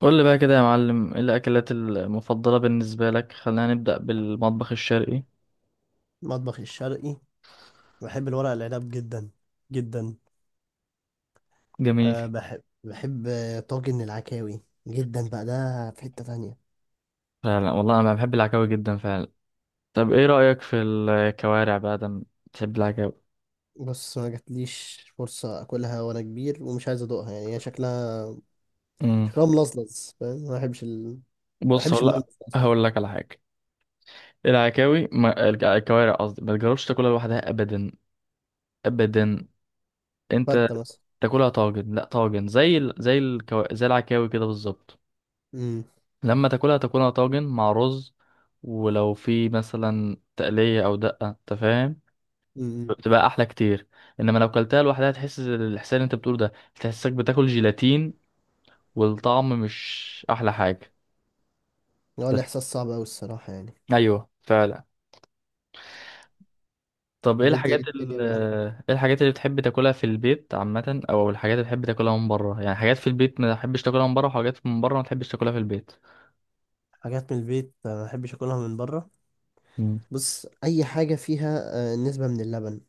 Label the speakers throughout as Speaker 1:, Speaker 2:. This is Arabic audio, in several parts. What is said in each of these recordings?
Speaker 1: قول لي بقى كده يا معلم، ايه الاكلات المفضله بالنسبه لك؟ خلينا نبدا بالمطبخ الشرقي.
Speaker 2: المطبخ الشرقي. بحب الورق العنب جدا جدا.
Speaker 1: جميل.
Speaker 2: بحب طاجن العكاوي جدا بقى، ده في حتة تانية.
Speaker 1: فعلا والله انا بحب العكاوي جدا فعلا. طب ايه رايك في الكوارع بقى؟ ده بتحب العكاوي.
Speaker 2: بص، ما جاتليش فرصة أكلها وأنا كبير ومش عايز أدوقها، يعني هي شكلها
Speaker 1: امم.
Speaker 2: شكلها ملظلظ، فاهم؟ ما بحبش ال... ما
Speaker 1: بص
Speaker 2: بحبش
Speaker 1: هقول
Speaker 2: الملمس
Speaker 1: لك.
Speaker 2: ده أصلا.
Speaker 1: هقول لك على حاجه. العكاوي ما... الك- الكوارع قصدي، ما تجربش تاكلها لوحدها ابدا. ابدا. انت.
Speaker 2: فتة مثلا.
Speaker 1: تاكلها طاجن. لا طاجن زي ال... زي الكو... زي العكاوي كده بالظبط.
Speaker 2: أمم.
Speaker 1: لما تاكلها طاجن مع رز. ولو في مثلا تقليه او دقه، انت فاهم.
Speaker 2: أمم.
Speaker 1: بتبقى احلى كتير. انما لو كلتها لوحدها تحس الاحساس اللي انت بتقوله ده، تحسك بتاكل جيلاتين، والطعم مش احلى حاجه.
Speaker 2: هو الإحساس صعب أوي الصراحة يعني.
Speaker 1: ايوه فعلا. طب ايه
Speaker 2: طب أنت إيه
Speaker 1: الحاجات
Speaker 2: الدنيا
Speaker 1: ال
Speaker 2: بقى؟
Speaker 1: ايه الحاجات اللي بتحب تاكلها في البيت عامه، او الحاجات اللي بتحب تاكلها من بره؟ يعني حاجات في البيت ما تحبش تاكلها من بره، وحاجات من بره ما تحبش تاكلها في البيت.
Speaker 2: حاجات من البيت ما بحبش أكلها من بره.
Speaker 1: امم.
Speaker 2: بص، أي حاجة فيها نسبة من اللبن،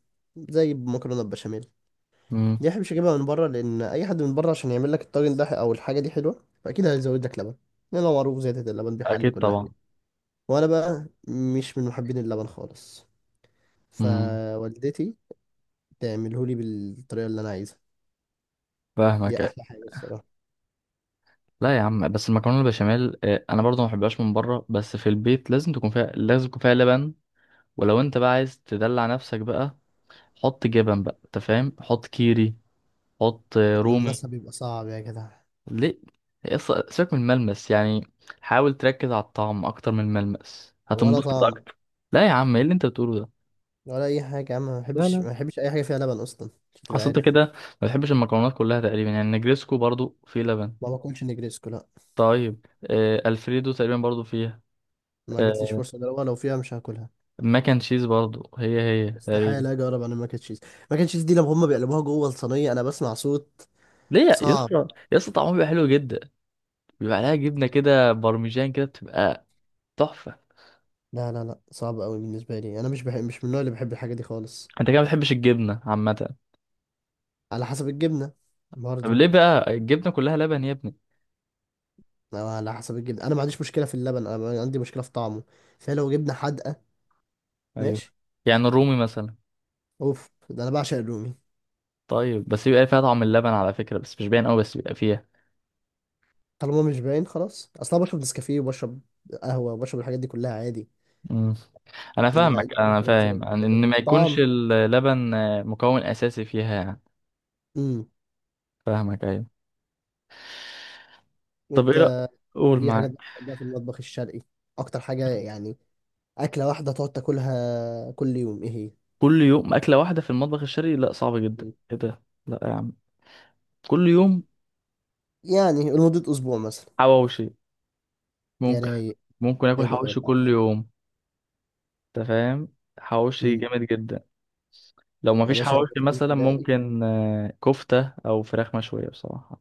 Speaker 2: زي المكرونة البشاميل.
Speaker 1: أمم.
Speaker 2: دي احبش اجيبها من بره، لان اي حد من بره عشان يعمل لك الطاجن ده او الحاجه دي حلوه فاكيد هيزود لك لبن. لان هو معروف زياده اللبن بيحلي
Speaker 1: اكيد
Speaker 2: كل
Speaker 1: طبعا.
Speaker 2: حاجه. وانا بقى مش من محبين اللبن خالص.
Speaker 1: امم.
Speaker 2: فوالدتي تعمله لي بالطريقه اللي انا عايزها، دي
Speaker 1: فاهمك.
Speaker 2: احلى حاجه الصراحه.
Speaker 1: لا يا عم بس المكرونه البشاميل، انا برضه ما بحبهاش من بره، بس في البيت لازم يكون فيها لبن. ولو انت بقى عايز تدلع نفسك بقى، حط جبن بقى، انت فاهم، حط كيري، حط رومي.
Speaker 2: والمسا بيبقى صعب يا جدع.
Speaker 1: ليه؟ سيبك من الملمس يعني. حاول تركز على الطعم اكتر من الملمس،
Speaker 2: ولا
Speaker 1: هتنبسط
Speaker 2: طعم
Speaker 1: اكتر. لا يا عم، ايه اللي انت بتقوله ده؟
Speaker 2: ولا اي حاجه يا عم، ما
Speaker 1: لا
Speaker 2: بحبش
Speaker 1: لا.
Speaker 2: ما بحبش اي حاجه فيها لبن اصلا، عشان تبقى
Speaker 1: اصل انت
Speaker 2: عارف.
Speaker 1: كده ما بتحبش المكرونات كلها تقريبا. يعني نجريسكو برضو فيه لبن.
Speaker 2: ما باكلش نجريسكو، لا.
Speaker 1: طيب، الفريدو تقريبا برضو فيها.
Speaker 2: ما جاتليش
Speaker 1: آه.
Speaker 2: فرصه اجربها، لو فيها مش هاكلها.
Speaker 1: ماك اند تشيز برضو هي تقريبا.
Speaker 2: استحاله اجرب انا الماك أند تشيز. ماك أند تشيز دي لما هم بيقلبوها جوه الصينيه انا بسمع صوت
Speaker 1: ليه يا
Speaker 2: صعب.
Speaker 1: اسطى؟ يا اسطى طعمه بيبقى حلو جدا. بيبقى عليها جبنه كده، بارميجان كده، بتبقى تحفه.
Speaker 2: لا لا لا، صعب قوي بالنسبة لي، انا مش بحب، مش من النوع اللي بحب الحاجة دي خالص.
Speaker 1: انت كده ما بتحبش الجبنه عامه.
Speaker 2: على حسب الجبنة
Speaker 1: طب
Speaker 2: برضه.
Speaker 1: ليه بقى الجبنة كلها لبن يا ابني؟
Speaker 2: أو على حسب الجبنة، انا ما عنديش مشكلة في اللبن، انا عندي مشكلة في طعمه. فلو جبنة حادقة،
Speaker 1: ايوه.
Speaker 2: ماشي.
Speaker 1: يعني الرومي مثلا.
Speaker 2: اوف، ده انا بعشق الرومي.
Speaker 1: طيب بس بيبقى فيها طعم اللبن على فكرة، بس مش باين قوي، بس بيبقى فيها.
Speaker 2: طالما مش باين خلاص، اصلا بشرب نسكافيه وبشرب قهوة وبشرب الحاجات دي كلها عادي.
Speaker 1: مم. انا
Speaker 2: لا
Speaker 1: فاهمك،
Speaker 2: القهوة
Speaker 1: انا فاهم
Speaker 2: الفرنساوي،
Speaker 1: إن
Speaker 2: لكن
Speaker 1: ما يكونش
Speaker 2: الطعم.
Speaker 1: اللبن مكون اساسي فيها يعني.
Speaker 2: امم.
Speaker 1: فاهمك ايوه. طب
Speaker 2: انت
Speaker 1: ايه رأيك. قول
Speaker 2: ايه حاجات
Speaker 1: معاك.
Speaker 2: بتحبها في المطبخ الشرقي؟ اكتر حاجة يعني، اكلة واحدة تقعد تاكلها كل يوم ايه هي؟
Speaker 1: كل يوم اكلة واحدة في المطبخ الشرقي؟ لا صعب جدا.
Speaker 2: مم.
Speaker 1: ايه ده؟ لا يا عم. كل يوم.
Speaker 2: يعني لمدة اسبوع مثلا.
Speaker 1: حواوشي.
Speaker 2: يا
Speaker 1: ممكن
Speaker 2: رايق.
Speaker 1: ممكن اكل
Speaker 2: حلو قوي
Speaker 1: حواوشي كل
Speaker 2: الحوار.
Speaker 1: يوم. انت فاهم. حواوشي
Speaker 2: امم.
Speaker 1: جامد جدا. لو
Speaker 2: يا
Speaker 1: مفيش
Speaker 2: باشا
Speaker 1: حواوشي
Speaker 2: بروتين
Speaker 1: مثلا
Speaker 2: تلاقي.
Speaker 1: ممكن كفتة أو فراخ مشوية بصراحة.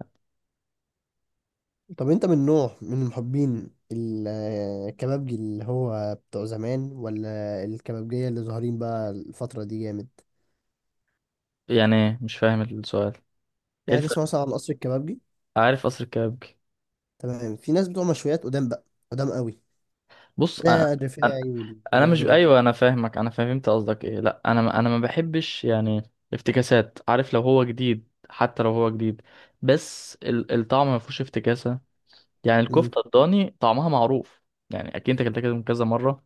Speaker 2: طب انت من نوع، من محبين الكبابجي اللي هو بتوع زمان، ولا الكبابجية اللي ظاهرين بقى الفترة دي جامد؟
Speaker 1: يعني إيه؟ مش فاهم السؤال. إيه
Speaker 2: يعني تسمع
Speaker 1: الفرق؟
Speaker 2: مثلا عن قصر الكبابجي.
Speaker 1: عارف قصر الكبابجي.
Speaker 2: تمام. في ناس بتوع مشويات قدام بقى، قدام قوي،
Speaker 1: بص أنا.
Speaker 2: ده
Speaker 1: أنا
Speaker 2: الرفاعي
Speaker 1: أنا
Speaker 2: والناس
Speaker 1: مش
Speaker 2: دول.
Speaker 1: أيوه، أنا فاهمك، أنا فهمت قصدك إيه. لأ أنا ما بحبش يعني افتكاسات، عارف، لو هو جديد، حتى لو هو جديد، بس الطعم ما فيهوش افتكاسة. يعني
Speaker 2: امم.
Speaker 1: الكفتة الضاني طعمها معروف. يعني أكيد أنت أكلتها كده من كذا مرة.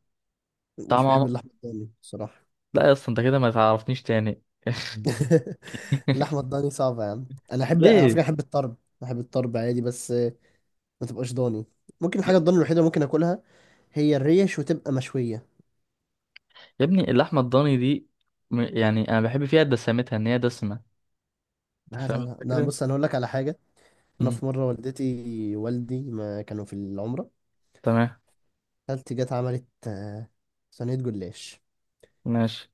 Speaker 2: مش بحب
Speaker 1: طعمها.
Speaker 2: اللحمة الضاني الصراحة.
Speaker 1: لا يا أسطى، أنت كده ما تعرفنيش تاني.
Speaker 2: اللحمة الضاني صعبة يا عم. انا احب على فكرة،
Speaker 1: ليه
Speaker 2: احب الطرب. احب الطرب عادي، بس ما تبقاش ضاني. ممكن الحاجه الضاني الوحيده اللي ممكن اكلها هي الريش، وتبقى مشويه.
Speaker 1: يا ابني اللحمة الضاني دي؟ يعني أنا بحب فيها دسمتها، إن هي دسمة. أنت
Speaker 2: لا لا
Speaker 1: فاهم
Speaker 2: لا لا،
Speaker 1: الفكرة؟
Speaker 2: بص انا هقول لك على حاجه. انا
Speaker 1: مم.
Speaker 2: في مره، والدتي والدي ما كانوا في العمره،
Speaker 1: تمام
Speaker 2: خالتي جت عملت صينيه جلاش.
Speaker 1: ماشي.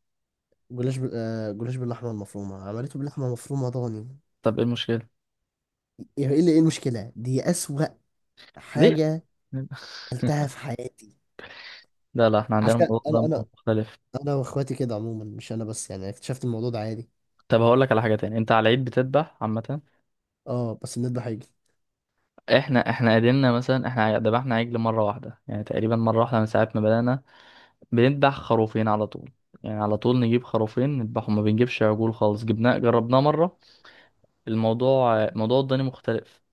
Speaker 2: جلاش بال... جلاش باللحمه المفرومه، عملته باللحمه المفرومه ضاني.
Speaker 1: طب إيه المشكلة؟
Speaker 2: ايه اللي ايه المشكله، دي اسوأ
Speaker 1: ليه؟
Speaker 2: حاجه اكلتها في حياتي.
Speaker 1: لا لا، احنا عندنا
Speaker 2: عارفه،
Speaker 1: الموضوع ده
Speaker 2: انا
Speaker 1: مختلف.
Speaker 2: انا واخواتي كده عموما، مش انا بس يعني، اكتشفت الموضوع ده عادي.
Speaker 1: طب هقول لك على حاجة تاني، أنت على العيد بتذبح عامة؟
Speaker 2: اه، بس بنذبح حاجه.
Speaker 1: احنا قدرنا مثلا، احنا ذبحنا عجل مرة واحدة، يعني تقريبا مرة واحدة من ساعة ما بدأنا. بنذبح خروفين على طول. يعني على طول نجيب خروفين نذبحهم، ما بنجيبش عجول خالص، جبناه جربناه مرة. الموضوع موضوع الضاني مختلف.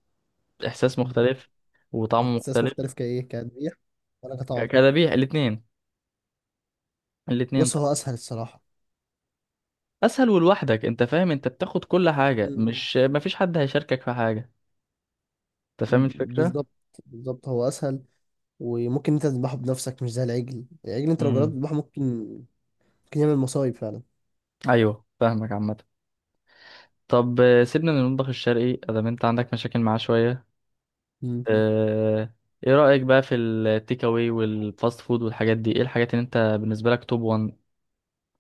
Speaker 1: إحساس
Speaker 2: ده
Speaker 1: مختلف. وطعمه
Speaker 2: احساس
Speaker 1: مختلف.
Speaker 2: مختلف، كايه كتذبيح ولا كطعم؟
Speaker 1: كذبيح الاثنين. الاثنين
Speaker 2: بص
Speaker 1: طبعا.
Speaker 2: هو اسهل الصراحه.
Speaker 1: اسهل ولوحدك، انت فاهم، انت بتاخد كل حاجه،
Speaker 2: مم.
Speaker 1: مش مفيش حد هيشاركك في حاجه. انت فاهم الفكره.
Speaker 2: بالظبط، بالظبط، هو اسهل. وممكن انت تذبحه بنفسك، مش زي العجل. العجل انت لو جربت
Speaker 1: امم.
Speaker 2: تذبحه ممكن، ممكن يعمل مصايب فعلا.
Speaker 1: ايوه فاهمك عامه. طب، سيبنا من المطبخ الشرقي ادام انت عندك مشاكل معاه شويه.
Speaker 2: مم.
Speaker 1: آه، ايه رايك بقى في التيك اواي والفاست فود والحاجات دي؟ ايه الحاجات اللي انت بالنسبه لك توب 1؟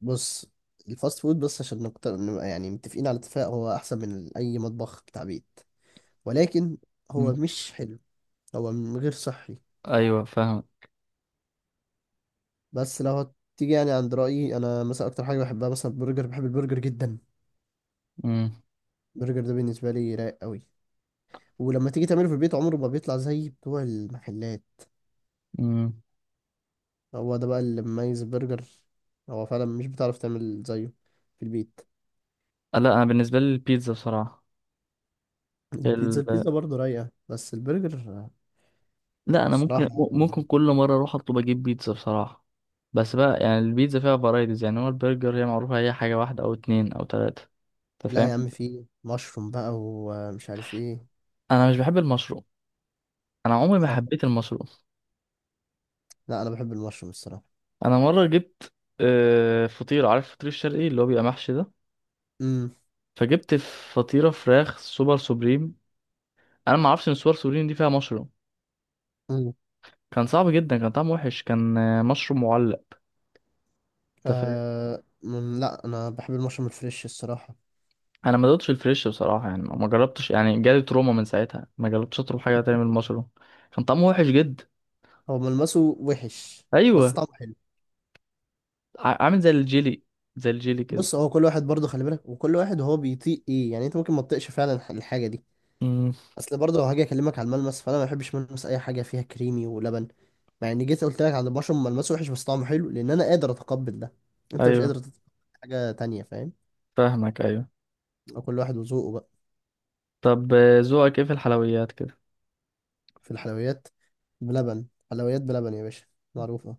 Speaker 2: بص، الفاست فود بس عشان نكتر، نبقى يعني متفقين على اتفاق، هو احسن من اي مطبخ بتاع بيت. ولكن هو مش حلو، هو غير صحي.
Speaker 1: ايوه فاهم.
Speaker 2: بس لو هتيجي يعني عند رايي انا مثلا، اكتر حاجه بحبها مثلا البرجر، بحب البرجر جدا.
Speaker 1: امم.
Speaker 2: البرجر ده بالنسبه لي رايق قوي. ولما تيجي تعمله في البيت عمره ما بيطلع زي بتوع المحلات.
Speaker 1: امم.
Speaker 2: هو ده بقى اللي مميز برجر. هو فعلا مش بتعرف تعمل زيه في البيت.
Speaker 1: لا انا بالنسبه لي البيتزا بصراحه.
Speaker 2: البيتزا، البيتزا برضه رايقة، بس البرجر
Speaker 1: لا انا ممكن
Speaker 2: صراحة.
Speaker 1: ممكن كل مره اروح اطلب اجيب بيتزا بصراحه. بس بقى يعني البيتزا فيها فرايتيز، يعني هو البرجر هي معروفه، هي حاجه واحده او اتنين او تلاته، انت
Speaker 2: لا
Speaker 1: فاهم.
Speaker 2: يا عم، فيه مشروم بقى ومش عارف ايه.
Speaker 1: انا مش بحب المشروم. انا عمري ما
Speaker 2: اه.
Speaker 1: حبيت المشروم.
Speaker 2: لا انا بحب المشروم الصراحة.
Speaker 1: انا مره جبت فطيره، عارف الفطير الشرقي اللي هو بيبقى محشي ده.
Speaker 2: امم.
Speaker 1: فجبت فطيره فراخ سوبر سوبريم. انا ما اعرفش ان سوبر سوبريم دي فيها مشروم.
Speaker 2: امم.
Speaker 1: كان صعب جدا، كان طعمه وحش، كان مشروم معلق. انت فاهم.
Speaker 2: آه. مم. لا انا بحب المشروم الفريش الصراحة.
Speaker 1: انا ما دقتش الفريش بصراحه، يعني ما جربتش، يعني جالي تروما من ساعتها، ما جربتش اطلب حاجه تاني من المشروم. كان طعمه وحش جدا.
Speaker 2: هو ملمسه وحش بس
Speaker 1: ايوه.
Speaker 2: طعمه حلو.
Speaker 1: عامل زي الجيلي، زي الجيلي كده.
Speaker 2: بص، هو كل واحد برضه خلي بالك، وكل واحد هو بيطيق ايه يعني، انت ممكن ما تطيقش فعلا الحاجة دي.
Speaker 1: امم.
Speaker 2: اصل برضه لو هاجي اكلمك على الملمس، فانا ما بحبش ملمس اي حاجه فيها كريمي ولبن. مع اني جيت قلت لك على البشر ملمسه وحش بس طعمه حلو، لان انا قادر اتقبل ده، انت مش قادر
Speaker 1: ايوه
Speaker 2: تتقبل حاجه تانية، فاهم؟
Speaker 1: فاهمك ايوه.
Speaker 2: او كل واحد وذوقه بقى.
Speaker 1: طب، ذوقك ايه في الحلويات كده؟
Speaker 2: في الحلويات، بلبن، حلويات بلبن يا باشا، معروفه.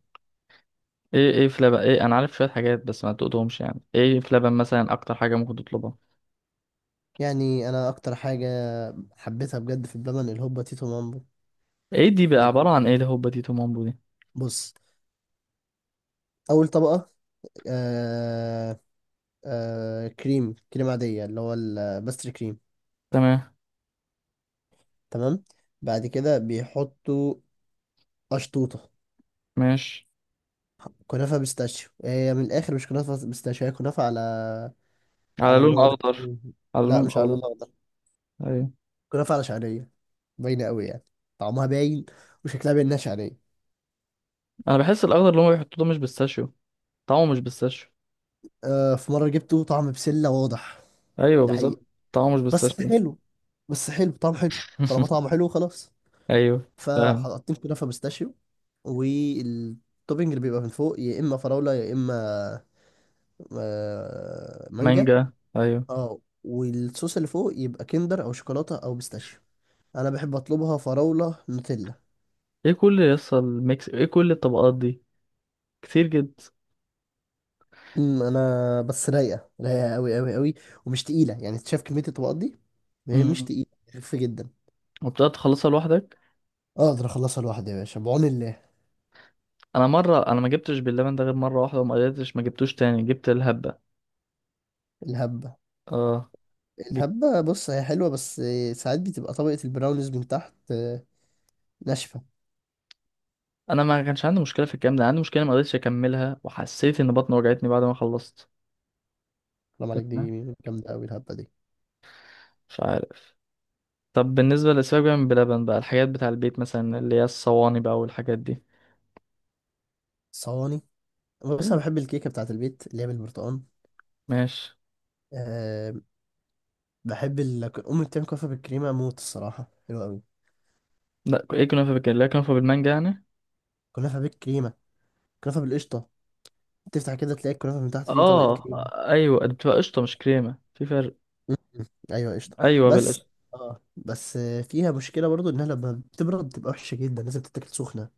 Speaker 1: ايه في لبن، ايه انا عارف شويه حاجات بس ما تقولهمش؟ يعني ايه في لبن مثلا اكتر حاجه ممكن تطلبها؟
Speaker 2: يعني انا اكتر حاجه حبيتها بجد في اللبن الهوبا تيتو مامبو.
Speaker 1: ايه دي بقى،
Speaker 2: دي،
Speaker 1: عباره عن ايه الهوبا دي تومامبو دي؟
Speaker 2: بص، اول طبقه آه كريم عاديه اللي هو الباستري كريم.
Speaker 1: تمام
Speaker 2: تمام. بعد كده بيحطوا قشطوطه.
Speaker 1: ماشي.
Speaker 2: كنافة بيستاشيو، هي من الآخر مش كنافة بيستاشيو، هي كنافة على،
Speaker 1: على
Speaker 2: على اللي
Speaker 1: لون
Speaker 2: هو ده
Speaker 1: اخضر.
Speaker 2: اسمه.
Speaker 1: على
Speaker 2: لا
Speaker 1: لون
Speaker 2: مش على
Speaker 1: اخضر.
Speaker 2: الله ده.
Speaker 1: ايوه.
Speaker 2: كنافة على شعرية، باينة قوي يعني، طعمها باين وشكلها باين إنها شعرية.
Speaker 1: انا بحس الاخضر اللي هم بيحطوه ده مش بيستاشيو. طعمه مش بيستاشيو.
Speaker 2: آه في مرة جبته طعم بسلة واضح،
Speaker 1: ايوه
Speaker 2: ده حقيقي.
Speaker 1: بالظبط. طعمه مش
Speaker 2: بس
Speaker 1: بيستاشيو.
Speaker 2: حلو، بس حلو، طعم حلو. طالما طعمه حلو، خلاص.
Speaker 1: ايوه فاهم.
Speaker 2: فحطيت كنافة بيستاشيو، والتوبينج اللي بيبقى من فوق يا اما فراولة يا اما مانجا.
Speaker 1: مانجا ايوه.
Speaker 2: اه، والصوص اللي فوق يبقى كندر او شوكولاتة او بيستاشيو. انا بحب اطلبها فراوله نوتيلا.
Speaker 1: ايه كل الطبقات دي؟ كتير جدا.
Speaker 2: امم، انا بس رايقه، رايقه قوي قوي قوي. ومش تقيله، يعني انت شايف كميه الطبقات دي، هي مش
Speaker 1: امم.
Speaker 2: تقيله، خفيفه جدا.
Speaker 1: وبتقعد تخلصها لوحدك.
Speaker 2: اقدر اخلصها لوحدي يا باشا بعون الله.
Speaker 1: انا مره، انا ما جبتش باللبن ده غير مره واحده، وما قدرتش، ما جبتوش تاني، جبت الهبه.
Speaker 2: الهبه.
Speaker 1: اه. جبت.
Speaker 2: الهبه بص هي حلوه، بس ساعات بتبقى طبقه البراونيز من تحت ناشفه.
Speaker 1: انا ما كانش عندي مشكله في الكلام ده، عندي مشكله ما قدرتش اكملها، وحسيت ان بطني وجعتني بعد ما خلصت.
Speaker 2: حرام عليك، دي
Speaker 1: تمام.
Speaker 2: جامده قوي الهبه دي.
Speaker 1: مش عارف. طب بالنسبه للاسباب بقى من بلبن بقى، الحاجات بتاع البيت مثلا اللي هي الصواني بقى والحاجات دي.
Speaker 2: صواني. بص انا
Speaker 1: ايوه
Speaker 2: بحب الكيكه بتاعت البيت اللي هي بالبرتقال.
Speaker 1: ماشي.
Speaker 2: أه. بحب ال... امي بتعمل كنافه بالكريمه موت الصراحه، حلوه قوي.
Speaker 1: لا ايه كنافه بالكريمه؟ لا كنافه بالمانجا يعني.
Speaker 2: كنافه بالكريمه، كنافه بالقشطه. تفتح كده تلاقي الكنافة من تحت فيه طبقة
Speaker 1: اه.
Speaker 2: كريم.
Speaker 1: ايوه دي بتبقى قشطه مش كريمه، في فرق.
Speaker 2: مم. ايوه قشطة.
Speaker 1: ايوه
Speaker 2: بس
Speaker 1: بالقشطه.
Speaker 2: اه، بس فيها مشكلة برضو انها لما بتبرد بتبقى وحشة جدا، لازم تتاكل سخنة.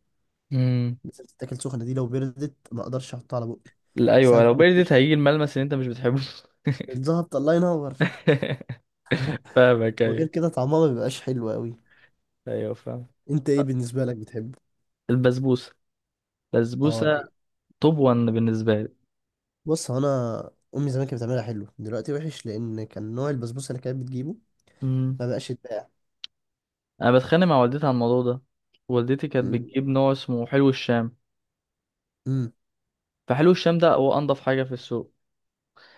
Speaker 1: امم.
Speaker 2: لازم تتاكل سخنة، دي لو بردت ما اقدرش احطها على بقي،
Speaker 1: لا ايوه،
Speaker 2: بسبب
Speaker 1: لو بردت هيجي
Speaker 2: القشطة.
Speaker 1: الملمس اللي انت مش بتحبه.
Speaker 2: الزهبط الله ينور.
Speaker 1: فاهمك
Speaker 2: وغير
Speaker 1: ايوه.
Speaker 2: كده طعمها ما بيبقاش حلو قوي.
Speaker 1: ايوه فاهم.
Speaker 2: انت ايه بالنسبة لك بتحب؟
Speaker 1: البسبوسه.
Speaker 2: اه
Speaker 1: البسبوسه.
Speaker 2: رايق.
Speaker 1: توب وان بالنسبه لي.
Speaker 2: بص هو انا، امي زمان كانت بتعملها حلو، دلوقتي وحش لان كان نوع البسبوسة اللي كانت بتجيبه
Speaker 1: امم.
Speaker 2: ما بقاش يتباع.
Speaker 1: انا بتخانق مع والدتي على الموضوع ده. والدتي كانت
Speaker 2: مم.
Speaker 1: بتجيب نوع اسمه حلو الشام.
Speaker 2: مم.
Speaker 1: فحلو الشام ده هو انضف حاجه في السوق.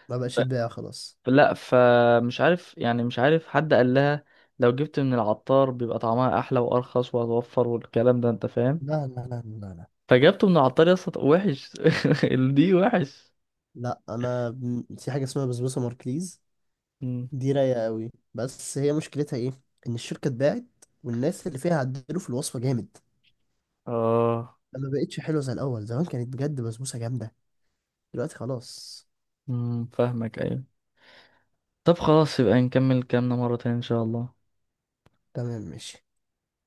Speaker 2: ما بقاش يتباع خلاص.
Speaker 1: لا فمش عارف، يعني مش عارف حد قال لها لو جبت من العطار بيبقى طعمها احلى وارخص وهتوفر والكلام ده، انت فاهم.
Speaker 2: لا لا لا لا لا.
Speaker 1: فجبته من العطار يا اسطى وحش. دي وحش.
Speaker 2: لا انا في حاجه اسمها بسبوسه ماركليز،
Speaker 1: مم.
Speaker 2: دي رايقه قوي، بس هي مشكلتها ايه، ان الشركه اتباعت والناس اللي فيها عدلوا في الوصفه جامد.
Speaker 1: اه
Speaker 2: فما بقتش حلوه زي الاول، زمان كانت بجد بسبوسه جامده، دلوقتي خلاص.
Speaker 1: مم، فاهمك ايوه. طب خلاص يبقى نكمل كلامنا مرة تانية ان شاء الله.
Speaker 2: تمام، ماشي.